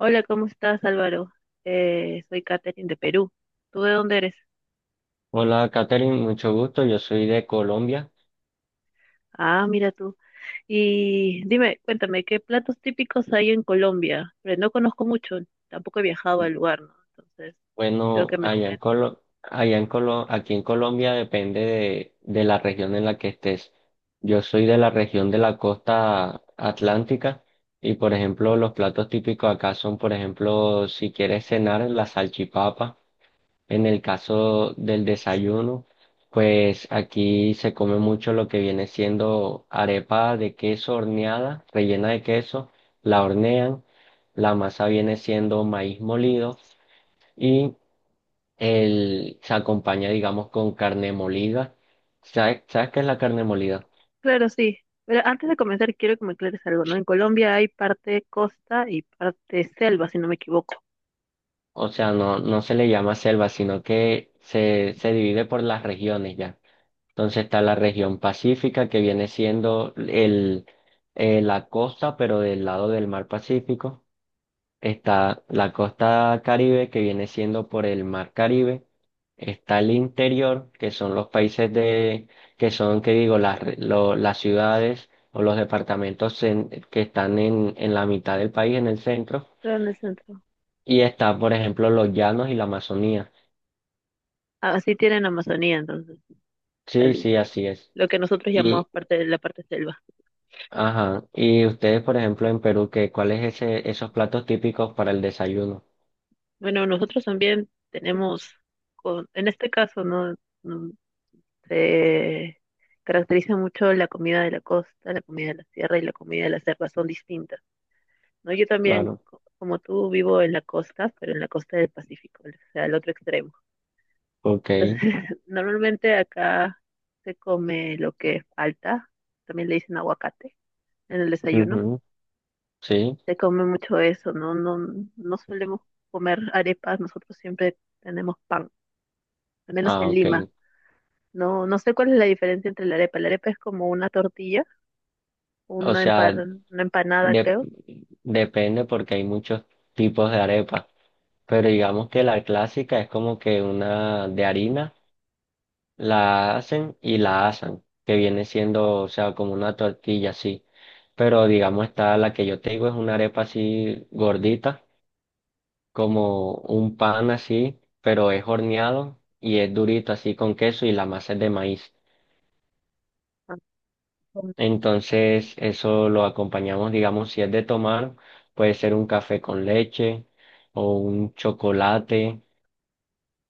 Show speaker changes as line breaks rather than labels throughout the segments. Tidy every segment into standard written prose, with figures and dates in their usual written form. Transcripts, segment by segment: Hola, ¿cómo estás, Álvaro? Soy Katherine de Perú. ¿Tú de dónde eres?
Hola, Katherine, mucho gusto. Yo soy de Colombia.
Ah, mira tú. Y dime, cuéntame, ¿qué platos típicos hay en Colombia? Pero no conozco mucho, tampoco he viajado al lugar, ¿no? Entonces, quiero que
Bueno,
me comentes.
Aquí en Colombia depende de la región en la que estés. Yo soy de la región de la costa atlántica y, por ejemplo, los platos típicos acá son, por ejemplo, si quieres cenar, la salchipapa. En el caso del desayuno, pues aquí se come mucho lo que viene siendo arepa de queso horneada, rellena de queso, la hornean, la masa viene siendo maíz molido y el, se acompaña, digamos, con carne molida. ¿Sabes qué es la carne molida?
Claro, sí. Pero antes de comenzar, quiero que me aclares algo, ¿no? En Colombia hay parte costa y parte selva, si no me equivoco.
O sea, no, no se le llama selva, sino que se divide por las regiones ya. Entonces está la región pacífica, que viene siendo el, la costa, pero del lado del mar Pacífico. Está la costa Caribe, que viene siendo por el mar Caribe. Está el interior, que son los países de, que son, que digo, las, las ciudades o los departamentos que están en la mitad del país, en el centro.
Pero en el centro.
Y está, por ejemplo, los llanos y la Amazonía.
Así tienen Amazonía, entonces,
Sí,
el-
sí, así es.
lo que nosotros llamamos parte de la parte selva.
Ajá. Y ustedes, por ejemplo, en Perú, ¿qué, cuál es ese, esos platos típicos para el desayuno?
Bueno, nosotros también tenemos, en este caso, ¿no? Mm, Se caracteriza mucho la comida de la costa, la comida de la sierra y la comida de la selva, son distintas, ¿no? Yo también,
Claro.
como tú, vivo en la costa, pero en la costa del Pacífico, o sea, al otro extremo.
Ok.
Entonces, normalmente acá se come lo que falta, también le dicen aguacate en el desayuno,
Ujú. Sí.
se come mucho eso, ¿no? No, no solemos comer arepas, nosotros siempre tenemos pan al menos
Ah,
en
ok.
Lima. No, no sé cuál es la diferencia entre la arepa. La arepa es como una tortilla,
O
una,
sea,
una empanada,
de-
creo.
depende porque hay muchos tipos de arepa. Pero digamos que la clásica es como que una de harina, la hacen y la asan, que viene siendo, o sea, como una tortilla así. Pero digamos está la que yo te digo es una arepa así gordita como un pan así, pero es horneado y es durito así con queso y la masa es de maíz.
Ah, con-
Entonces eso lo acompañamos, digamos, si es de tomar, puede ser un café con leche o un chocolate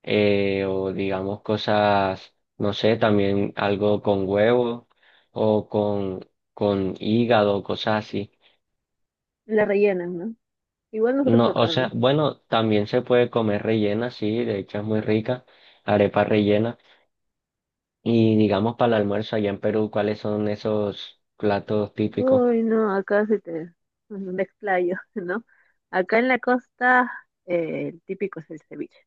o digamos cosas, no sé, también algo con huevo o con hígado, cosas así.
la rellenan, ¿no? Igual nosotros
No, o
acá,
sea,
¿no?
bueno, también se puede comer rellena, sí, de hecho es muy rica, arepa rellena. Y digamos para el almuerzo allá en Perú, ¿cuáles son esos platos típicos?
Uy, no, acá sí te bueno, me explayo, ¿no? Acá en la costa, el típico es el ceviche.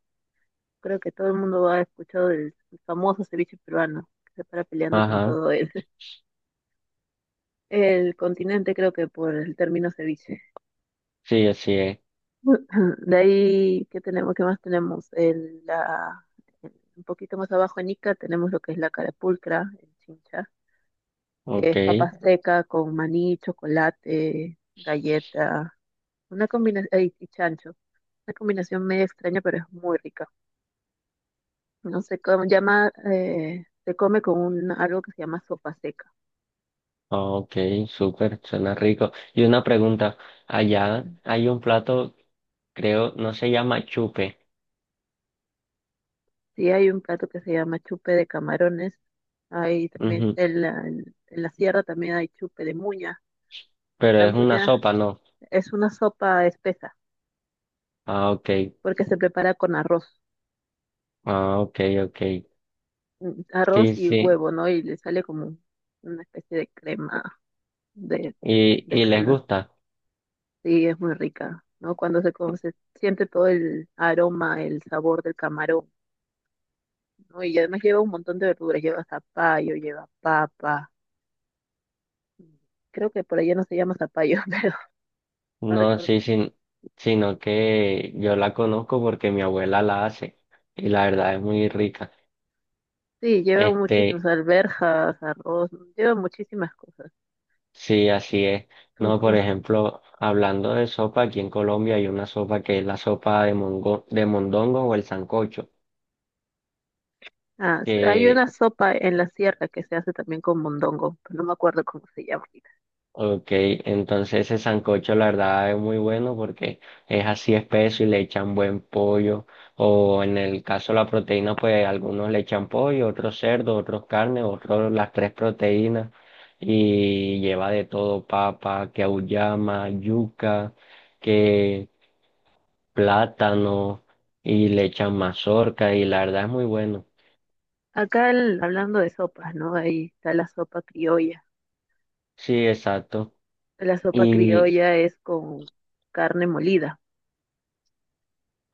Creo que todo el mundo ha escuchado del famoso ceviche peruano, que se para peleando con
Ajá,
todo el, el continente, creo que por el término ceviche.
sí, así es.
De ahí, ¿qué tenemos? ¿Qué más tenemos? Un poquito más abajo en Ica tenemos lo que es la carapulcra, el chincha, que
Ok,
es papa seca con maní, chocolate, galleta, una combinación, y chancho, una combinación medio extraña, pero es muy rica. No sé cómo llama, se come con un, algo que se llama sopa seca.
ok, súper, suena rico. Y una pregunta, allá hay un plato, creo, no se llama chupe,
Sí, hay un plato que se llama chupe de camarones. Hay también
ujú,
en la, en la sierra también hay chupe de muña.
pero
La
es una
muña
sopa, ¿no?
es una sopa espesa,
Ah, ok,
porque se prepara con arroz,
ah, ok, ok.
arroz
Sí,
y
sí,
huevo, ¿no? Y le sale como una especie de crema de, de
y les
caldo.
gusta.
Sí, es muy rica, ¿no? Cuando se, como se siente todo el aroma, el sabor del camarón, ¿no? Y además lleva un montón de verduras, lleva zapallo, lleva papa. Creo que por allá no se llama zapallo, pero no
No,
recuerdo.
sí, sí, sino que yo la conozco porque mi abuela la hace y la verdad es muy rica.
Sí, lleva
Este,
muchísimas alberjas, arroz, lleva muchísimas cosas.
sí, así es.
Es un,
No, por ejemplo, hablando de sopa, aquí en Colombia hay una sopa que es la sopa de mondongo o el sancocho,
ah, hay una
que,
sopa en la sierra que se hace también con mondongo, pero no me acuerdo cómo se llama ahorita.
ok, entonces ese sancocho la verdad es muy bueno porque es así espeso y le echan buen pollo o en el caso de la proteína pues algunos le echan pollo, otros cerdo, otros carne, otros las tres proteínas y lleva de todo papa, que auyama, yuca, que plátano y le echan mazorca y la verdad es muy bueno.
Hablando de sopas, ¿no? Ahí está la sopa criolla.
Sí, exacto.
La sopa
Y
criolla es con carne molida,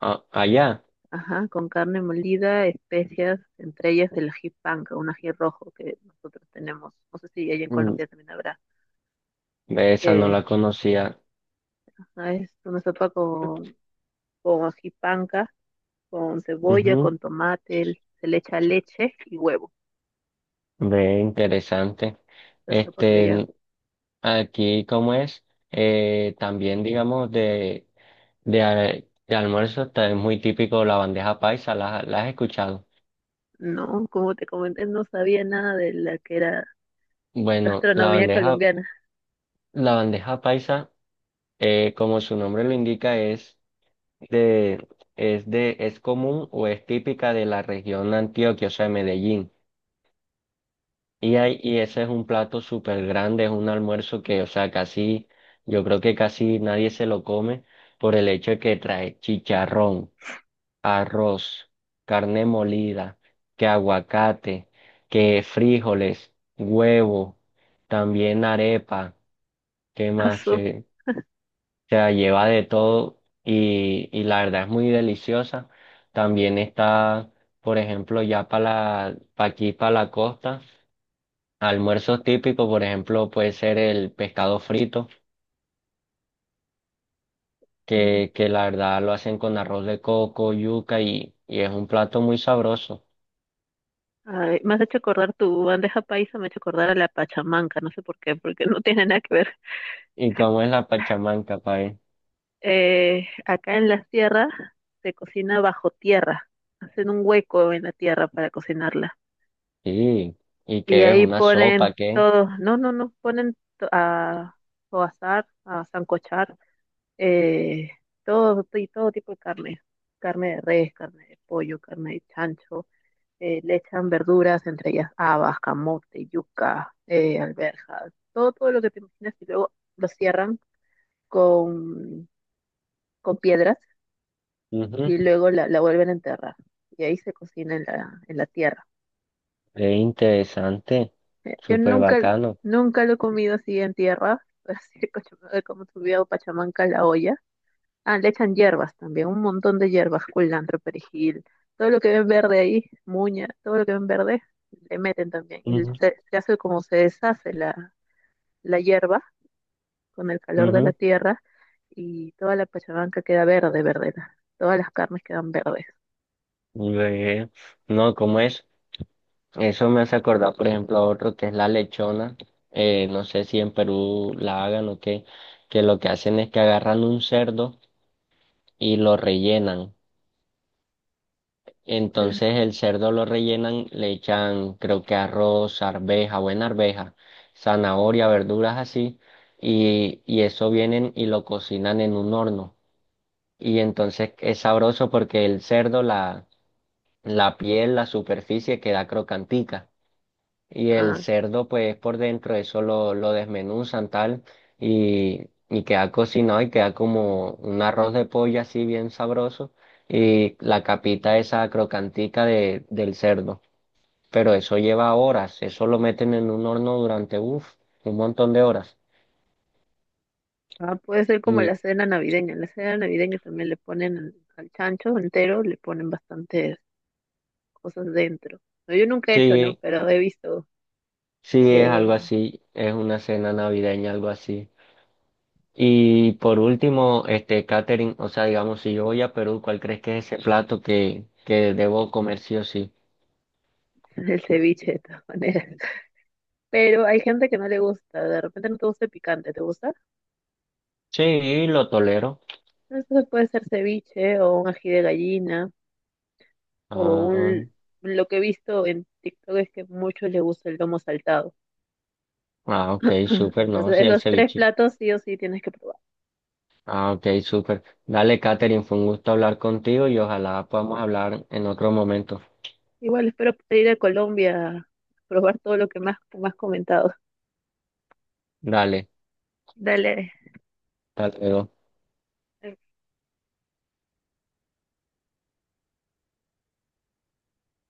allá,
ajá, con carne molida, especias, entre ellas el ají panca, un ají rojo que nosotros tenemos. No sé si allá en
mm,
Colombia también habrá,
esa no
que
la conocía.
ah, es una sopa con ají panca, con cebolla,
Ujú,
con tomate, se le echa leche y huevo.
ve, interesante.
La sopa
Este,
criolla
aquí como es, también digamos de, de almuerzo es muy típico la bandeja paisa, ¿la, la has escuchado?
no, como te comenté, no sabía nada de la que era
Bueno,
gastronomía colombiana.
la bandeja paisa, como su nombre lo indica, es de, es de, es común o es típica de la región de Antioquia, o sea, de Medellín. Y, y ese es un plato súper grande, es un almuerzo que, o sea, casi, yo creo que casi nadie se lo come por el hecho de que trae chicharrón, arroz, carne molida, que aguacate, que frijoles, huevo, también arepa, ¿qué
Ah,
más?
su.
Se, o sea, lleva de todo y la verdad es muy deliciosa. También está, por ejemplo, ya para la, pa' aquí, para la costa. Almuerzos típicos, por ejemplo, puede ser el pescado frito,
Mm.
que la verdad lo hacen con arroz de coco, yuca y es un plato muy sabroso.
Ay, me has hecho acordar tu bandeja paisa, me ha hecho acordar a la pachamanca, no sé por qué, porque no tiene nada que ver.
¿Y cómo es la pachamanca, pae?
Acá en las tierras se cocina bajo tierra, hacen un hueco en la tierra para cocinarla.
Sí, ¿y
Y
qué es?
ahí
¿Una sopa?
ponen
¿Qué?
todo, no, no, no, a asar, a sancochar, eh, todo, y todo tipo de carne, carne de res, carne de pollo, carne de chancho, le echan verduras, entre ellas habas, camote, yuca, alberjas, todo, todo lo que te imaginas y luego lo cierran con, con piedras
Ujú,
y luego la, la vuelven a enterrar y ahí se cocina en la tierra.
es interesante,
Yo
súper
nunca,
bacano.
nunca lo he comido así en tierra, así como he comido pachamanca en la olla. Ah, le echan hierbas también, un montón de hierbas, culantro, perejil, todo lo que ven verde ahí, muña, todo lo que ven verde, le meten también. Y
Ujú,
se hace como se deshace la, la hierba con el calor de la
ujú,
tierra y toda la pachamanca queda verde, verde, todas las carnes quedan verdes.
ve, no, ¿cómo es? Eso me hace acordar, por ejemplo, a otro que es la lechona. No sé si en Perú la hagan o qué, que lo que hacen es que agarran un cerdo y lo rellenan.
Mm.
Entonces el cerdo lo rellenan, le echan creo que arroz, arveja, buena arveja, zanahoria, verduras así, y eso vienen y lo cocinan en un horno. Y entonces es sabroso porque el cerdo, la piel, la superficie queda crocantica. Y el
Ah,
cerdo, pues por dentro, eso lo desmenuzan tal y, y queda cocinado y queda como un arroz de pollo así bien sabroso y la capita esa crocantica de, del cerdo. Pero eso lleva horas, eso lo meten en un horno durante, uff, un montón de horas.
ah, puede ser como
Y
la cena navideña. En la cena navideña también le ponen al al chancho entero, le ponen bastantes cosas dentro. No, yo nunca he hecho, ¿no?
sí,
Pero he visto
sí es algo
que
así, es una cena navideña, algo así. Y por último, este catering, o sea, digamos, si yo voy a Perú, ¿cuál crees que es ese plato que debo comer sí o sí?
el ceviche de todas maneras. Pero hay gente que no le gusta, de repente no te gusta el picante, ¿te gusta?
Sí, lo tolero.
Entonces puede ser ceviche o un ají de gallina o
Ah,
un... Lo que he visto en TikTok es que muchos les gusta el lomo saltado.
ah, ok, súper, no,
Entonces
sí, el
esos tres
ceviche.
platos sí o sí tienes que probar.
Ah, ok, súper. Dale, Catherine fue un gusto hablar contigo y ojalá podamos hablar en otro momento.
Igual espero poder ir a Colombia a probar todo lo que más, más comentado.
Dale,
Dale,
hasta luego.